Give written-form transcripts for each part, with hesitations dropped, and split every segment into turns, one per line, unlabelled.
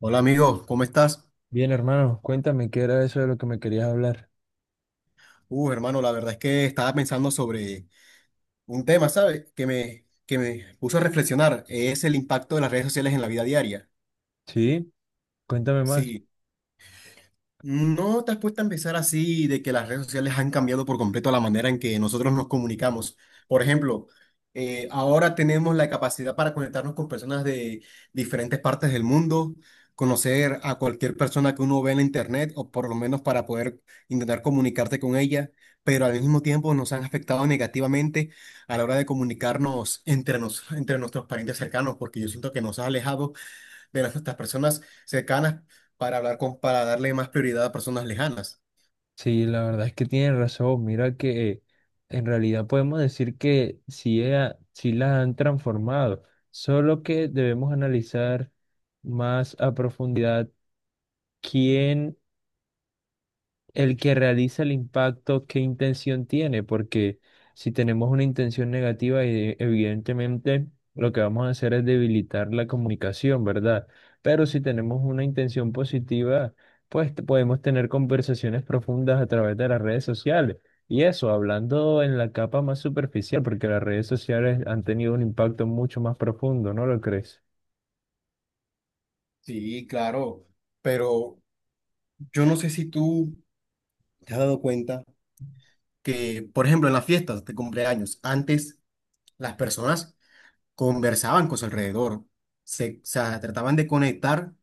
Hola amigo, ¿cómo estás?
Bien, hermano, cuéntame qué era eso de lo que me querías hablar.
Hermano, la verdad es que estaba pensando sobre un tema, ¿sabes? Que me puso a reflexionar, es el impacto de las redes sociales en la vida diaria.
Sí, cuéntame más.
Sí, ¿no te has puesto a empezar así de que las redes sociales han cambiado por completo la manera en que nosotros nos comunicamos? Por ejemplo, ahora tenemos la capacidad para conectarnos con personas de diferentes partes del mundo, conocer a cualquier persona que uno ve en la internet o por lo menos para poder intentar comunicarte con ella, pero al mismo tiempo nos han afectado negativamente a la hora de comunicarnos entre nuestros parientes cercanos, porque yo siento que nos ha alejado de estas personas cercanas para hablar para darle más prioridad a personas lejanas.
Sí, la verdad es que tienes razón. Mira que en realidad podemos decir que sí, sí la han transformado, solo que debemos analizar más a profundidad quién el que realiza el impacto, ¿qué intención tiene? Porque si tenemos una intención negativa, evidentemente lo que vamos a hacer es debilitar la comunicación, ¿verdad? Pero si tenemos una intención positiva, pues podemos tener conversaciones profundas a través de las redes sociales. Y eso, hablando en la capa más superficial, porque las redes sociales han tenido un impacto mucho más profundo, ¿no lo crees?
Sí, claro, pero yo no sé si tú te has dado cuenta que, por ejemplo, en las fiestas de cumpleaños, antes las personas conversaban con su alrededor, o sea, trataban de conectar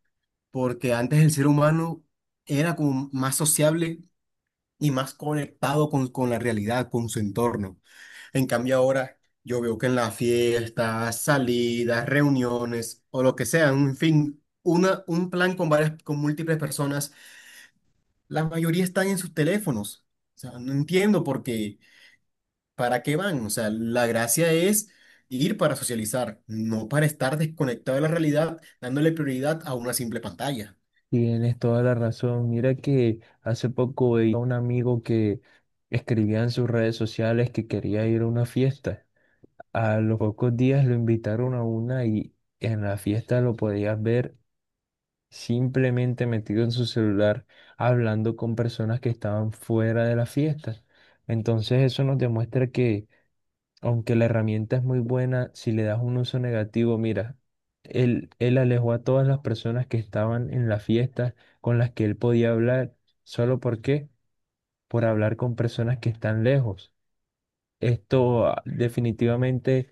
porque antes el ser humano era como más sociable y más conectado con la realidad, con su entorno. En cambio ahora yo veo que en las fiestas, salidas, reuniones o lo que sea, en fin, un plan con múltiples personas, la mayoría están en sus teléfonos. O sea, no entiendo por qué, para qué van. O sea, la gracia es ir para socializar, no para estar desconectado de la realidad, dándole prioridad a una simple pantalla.
Tienes toda la razón. Mira que hace poco veía a un amigo que escribía en sus redes sociales que quería ir a una fiesta. A los pocos días lo invitaron a una y en la fiesta lo podías ver simplemente metido en su celular hablando con personas que estaban fuera de la fiesta. Entonces eso nos demuestra que aunque la herramienta es muy buena, si le das un uso negativo, mira, él alejó a todas las personas que estaban en la fiesta con las que él podía hablar, solo por qué, por hablar con personas que están lejos. Esto definitivamente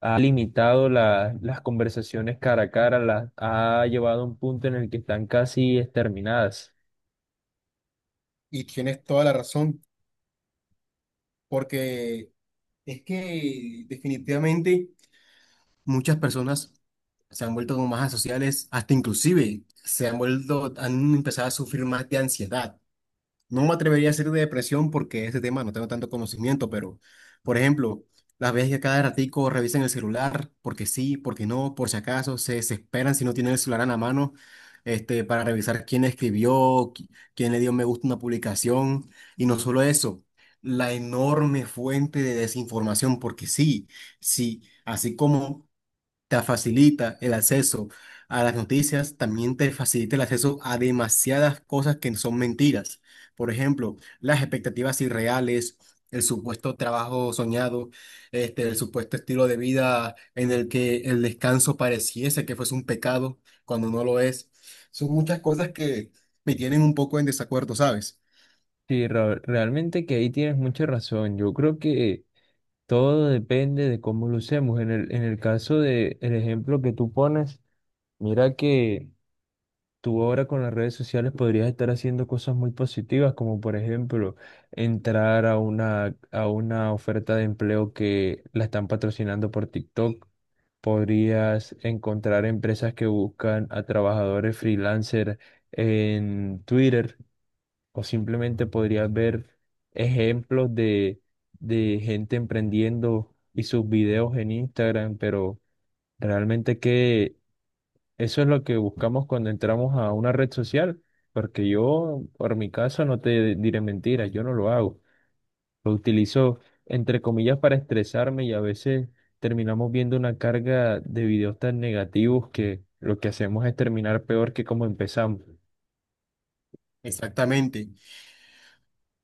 ha limitado las conversaciones cara a cara, las ha llevado a un punto en el que están casi exterminadas.
Y tienes toda la razón, porque es que definitivamente muchas personas se han vuelto como más asociales, hasta inclusive se han vuelto, han empezado a sufrir más de ansiedad. No me atrevería a decir de depresión porque ese tema no tengo tanto conocimiento, pero, por ejemplo, las veces que cada ratico revisan el celular, porque sí, porque no, por si acaso, se desesperan si no tienen el celular en la mano, para revisar quién escribió, qui- quién le dio me gusta a una publicación, y no solo eso, la enorme fuente de desinformación, porque sí, sí, así como te facilita el acceso a las noticias, también te facilita el acceso a demasiadas cosas que son mentiras. Por ejemplo, las expectativas irreales, el supuesto trabajo soñado, el supuesto estilo de vida en el que el descanso pareciese que fuese un pecado cuando no lo es. Son muchas cosas que me tienen un poco en desacuerdo, ¿sabes?
Sí, realmente que ahí tienes mucha razón. Yo creo que todo depende de cómo lo usemos. En el caso de el ejemplo que tú pones, mira que tú ahora con las redes sociales podrías estar haciendo cosas muy positivas, como por ejemplo entrar a a una oferta de empleo que la están patrocinando por TikTok. Podrías encontrar empresas que buscan a trabajadores freelancer en Twitter. O simplemente podrías ver ejemplos de gente emprendiendo y sus videos en Instagram, pero realmente que eso es lo que buscamos cuando entramos a una red social, porque yo, por mi caso, no te diré mentiras, yo no lo hago. Lo utilizo, entre comillas, para estresarme y a veces terminamos viendo una carga de videos tan negativos que lo que hacemos es terminar peor que como empezamos.
Exactamente.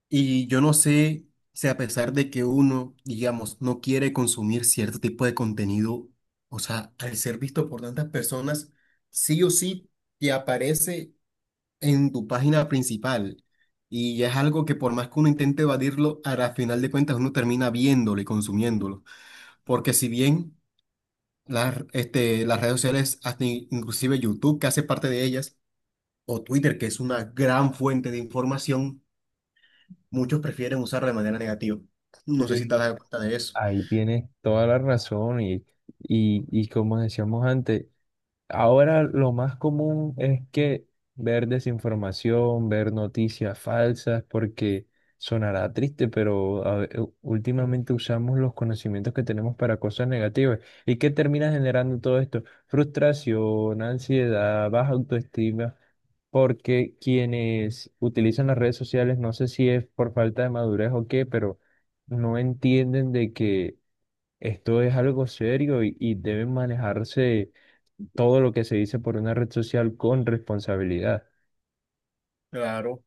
Y yo no sé si a pesar de que uno, digamos, no quiere consumir cierto tipo de contenido, o sea, al ser visto por tantas personas, sí o sí te aparece en tu página principal. Y es algo que por más que uno intente evadirlo, a la final de cuentas uno termina viéndolo y consumiéndolo. Porque si bien las redes sociales, hasta inclusive YouTube, que hace parte de ellas, o Twitter, que es una gran fuente de información, muchos prefieren usarlo de manera negativa. No sé si te has dado cuenta de eso.
Ahí tienes toda la razón y como decíamos antes, ahora lo más común es que ver desinformación, ver noticias falsas, porque sonará triste, pero últimamente usamos los conocimientos que tenemos para cosas negativas. ¿Y qué termina generando todo esto? Frustración, ansiedad, baja autoestima, porque quienes utilizan las redes sociales, no sé si es por falta de madurez o qué, pero no entienden de que esto es algo serio y debe manejarse todo lo que se dice por una red social con responsabilidad.
Claro,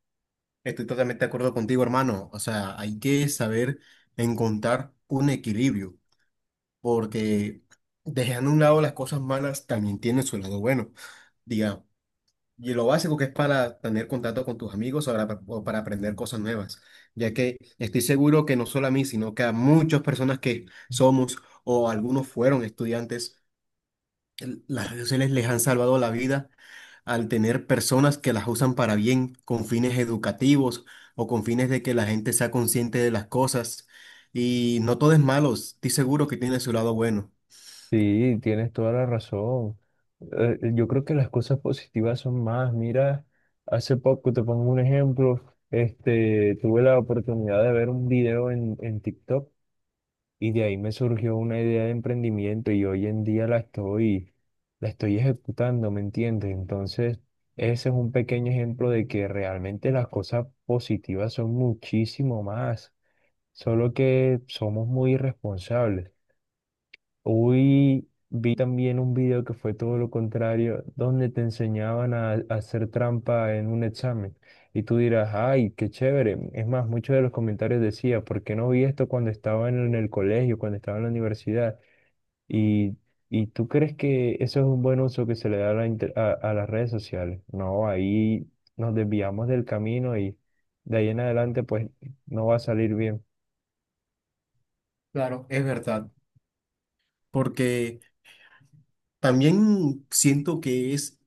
estoy totalmente de acuerdo contigo, hermano. O sea, hay que saber encontrar un equilibrio, porque dejando a un lado las cosas malas también tiene su lado bueno. Diga, y lo básico que es para tener contacto con tus amigos o para aprender cosas nuevas, ya que estoy seguro que no solo a mí, sino que a muchas personas que somos o algunos fueron estudiantes las redes sociales les han salvado la vida al tener personas que las usan para bien, con fines educativos o con fines de que la gente sea consciente de las cosas. Y no todo es malo, estoy seguro que tiene su lado bueno.
Sí, tienes toda la razón. Yo creo que las cosas positivas son más. Mira, hace poco, te pongo un ejemplo, tuve la oportunidad de ver un video en TikTok y de ahí me surgió una idea de emprendimiento y hoy en día la estoy ejecutando, ¿me entiendes? Entonces, ese es un pequeño ejemplo de que realmente las cosas positivas son muchísimo más, solo que somos muy irresponsables. Hoy vi también un video que fue todo lo contrario, donde te enseñaban a hacer trampa en un examen. Y tú dirás, ay, qué chévere. Es más, muchos de los comentarios decía, ¿por qué no vi esto cuando estaba en el colegio, cuando estaba en la universidad? Y, y tú crees que eso es un buen uso que se le da a a las redes sociales. No, ahí nos desviamos del camino y de ahí en adelante pues no va a salir bien.
Claro, es verdad. Porque también siento que es,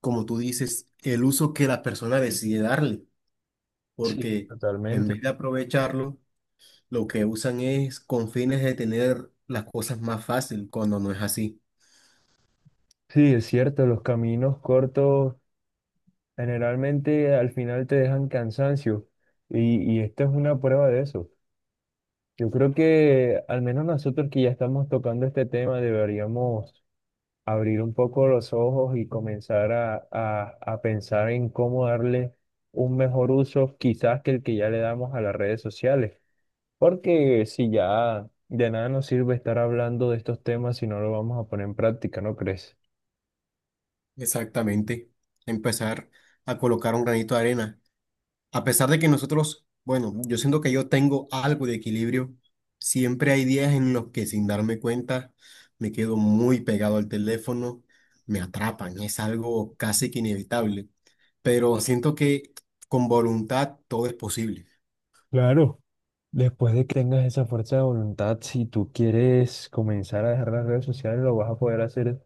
como tú dices, el uso que la persona decide darle,
Sí,
porque en
totalmente.
vez de aprovecharlo, lo que usan es con fines de tener las cosas más fácil, cuando no es así.
Sí, es cierto, los caminos cortos generalmente al final te dejan cansancio y esta es una prueba de eso. Yo creo que al menos nosotros que ya estamos tocando este tema deberíamos abrir un poco los ojos y comenzar a pensar en cómo darle un mejor uso quizás que el que ya le damos a las redes sociales. Porque si ya de nada nos sirve estar hablando de estos temas si no lo vamos a poner en práctica, ¿no crees?
Exactamente, empezar a colocar un granito de arena. A pesar de que nosotros, bueno, yo siento que yo tengo algo de equilibrio, siempre hay días en los que sin darme cuenta me quedo muy pegado al teléfono, me atrapan, es algo casi que inevitable, pero siento que con voluntad todo es posible.
Claro. Después de que tengas esa fuerza de voluntad, si tú quieres comenzar a dejar las redes sociales, lo vas a poder hacer,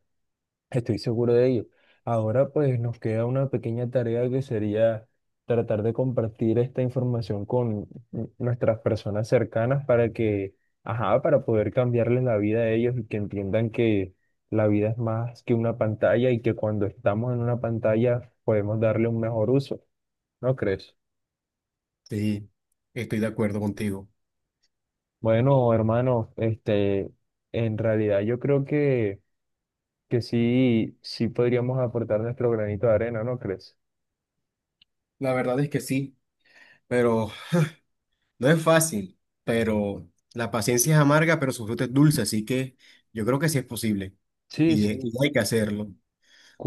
estoy seguro de ello. Ahora pues nos queda una pequeña tarea que sería tratar de compartir esta información con nuestras personas cercanas para que, ajá, para poder cambiarles la vida a ellos y que entiendan que la vida es más que una pantalla y que cuando estamos en una pantalla podemos darle un mejor uso. ¿No crees?
Sí, estoy de acuerdo contigo.
Bueno, hermano, este, en realidad yo creo que sí, sí podríamos aportar nuestro granito de arena, ¿no crees?
La verdad es que sí, pero no es fácil, pero la paciencia es amarga, pero su fruto es dulce, así que yo creo que sí es posible
Sí,
y,
sí,
y hay que hacerlo.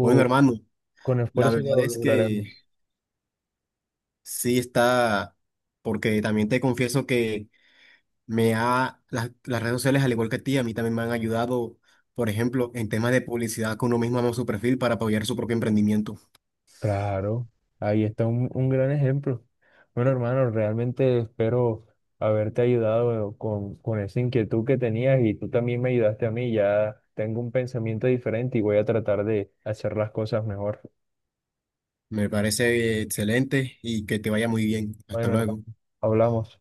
Bueno, hermano,
con
la
esfuerzo
verdad
lo
es que
lograremos.
sí está, porque también te confieso que las redes sociales, al igual que a ti, a mí también me han ayudado, por ejemplo, en temas de publicidad, que uno mismo haga su perfil para apoyar su propio emprendimiento.
Claro, ahí está un gran ejemplo. Bueno, hermano, realmente espero haberte ayudado con esa inquietud que tenías y tú también me ayudaste a mí. Ya tengo un pensamiento diferente y voy a tratar de hacer las cosas mejor.
Me parece excelente y que te vaya muy bien. Hasta
Bueno, hermano,
luego.
hablamos.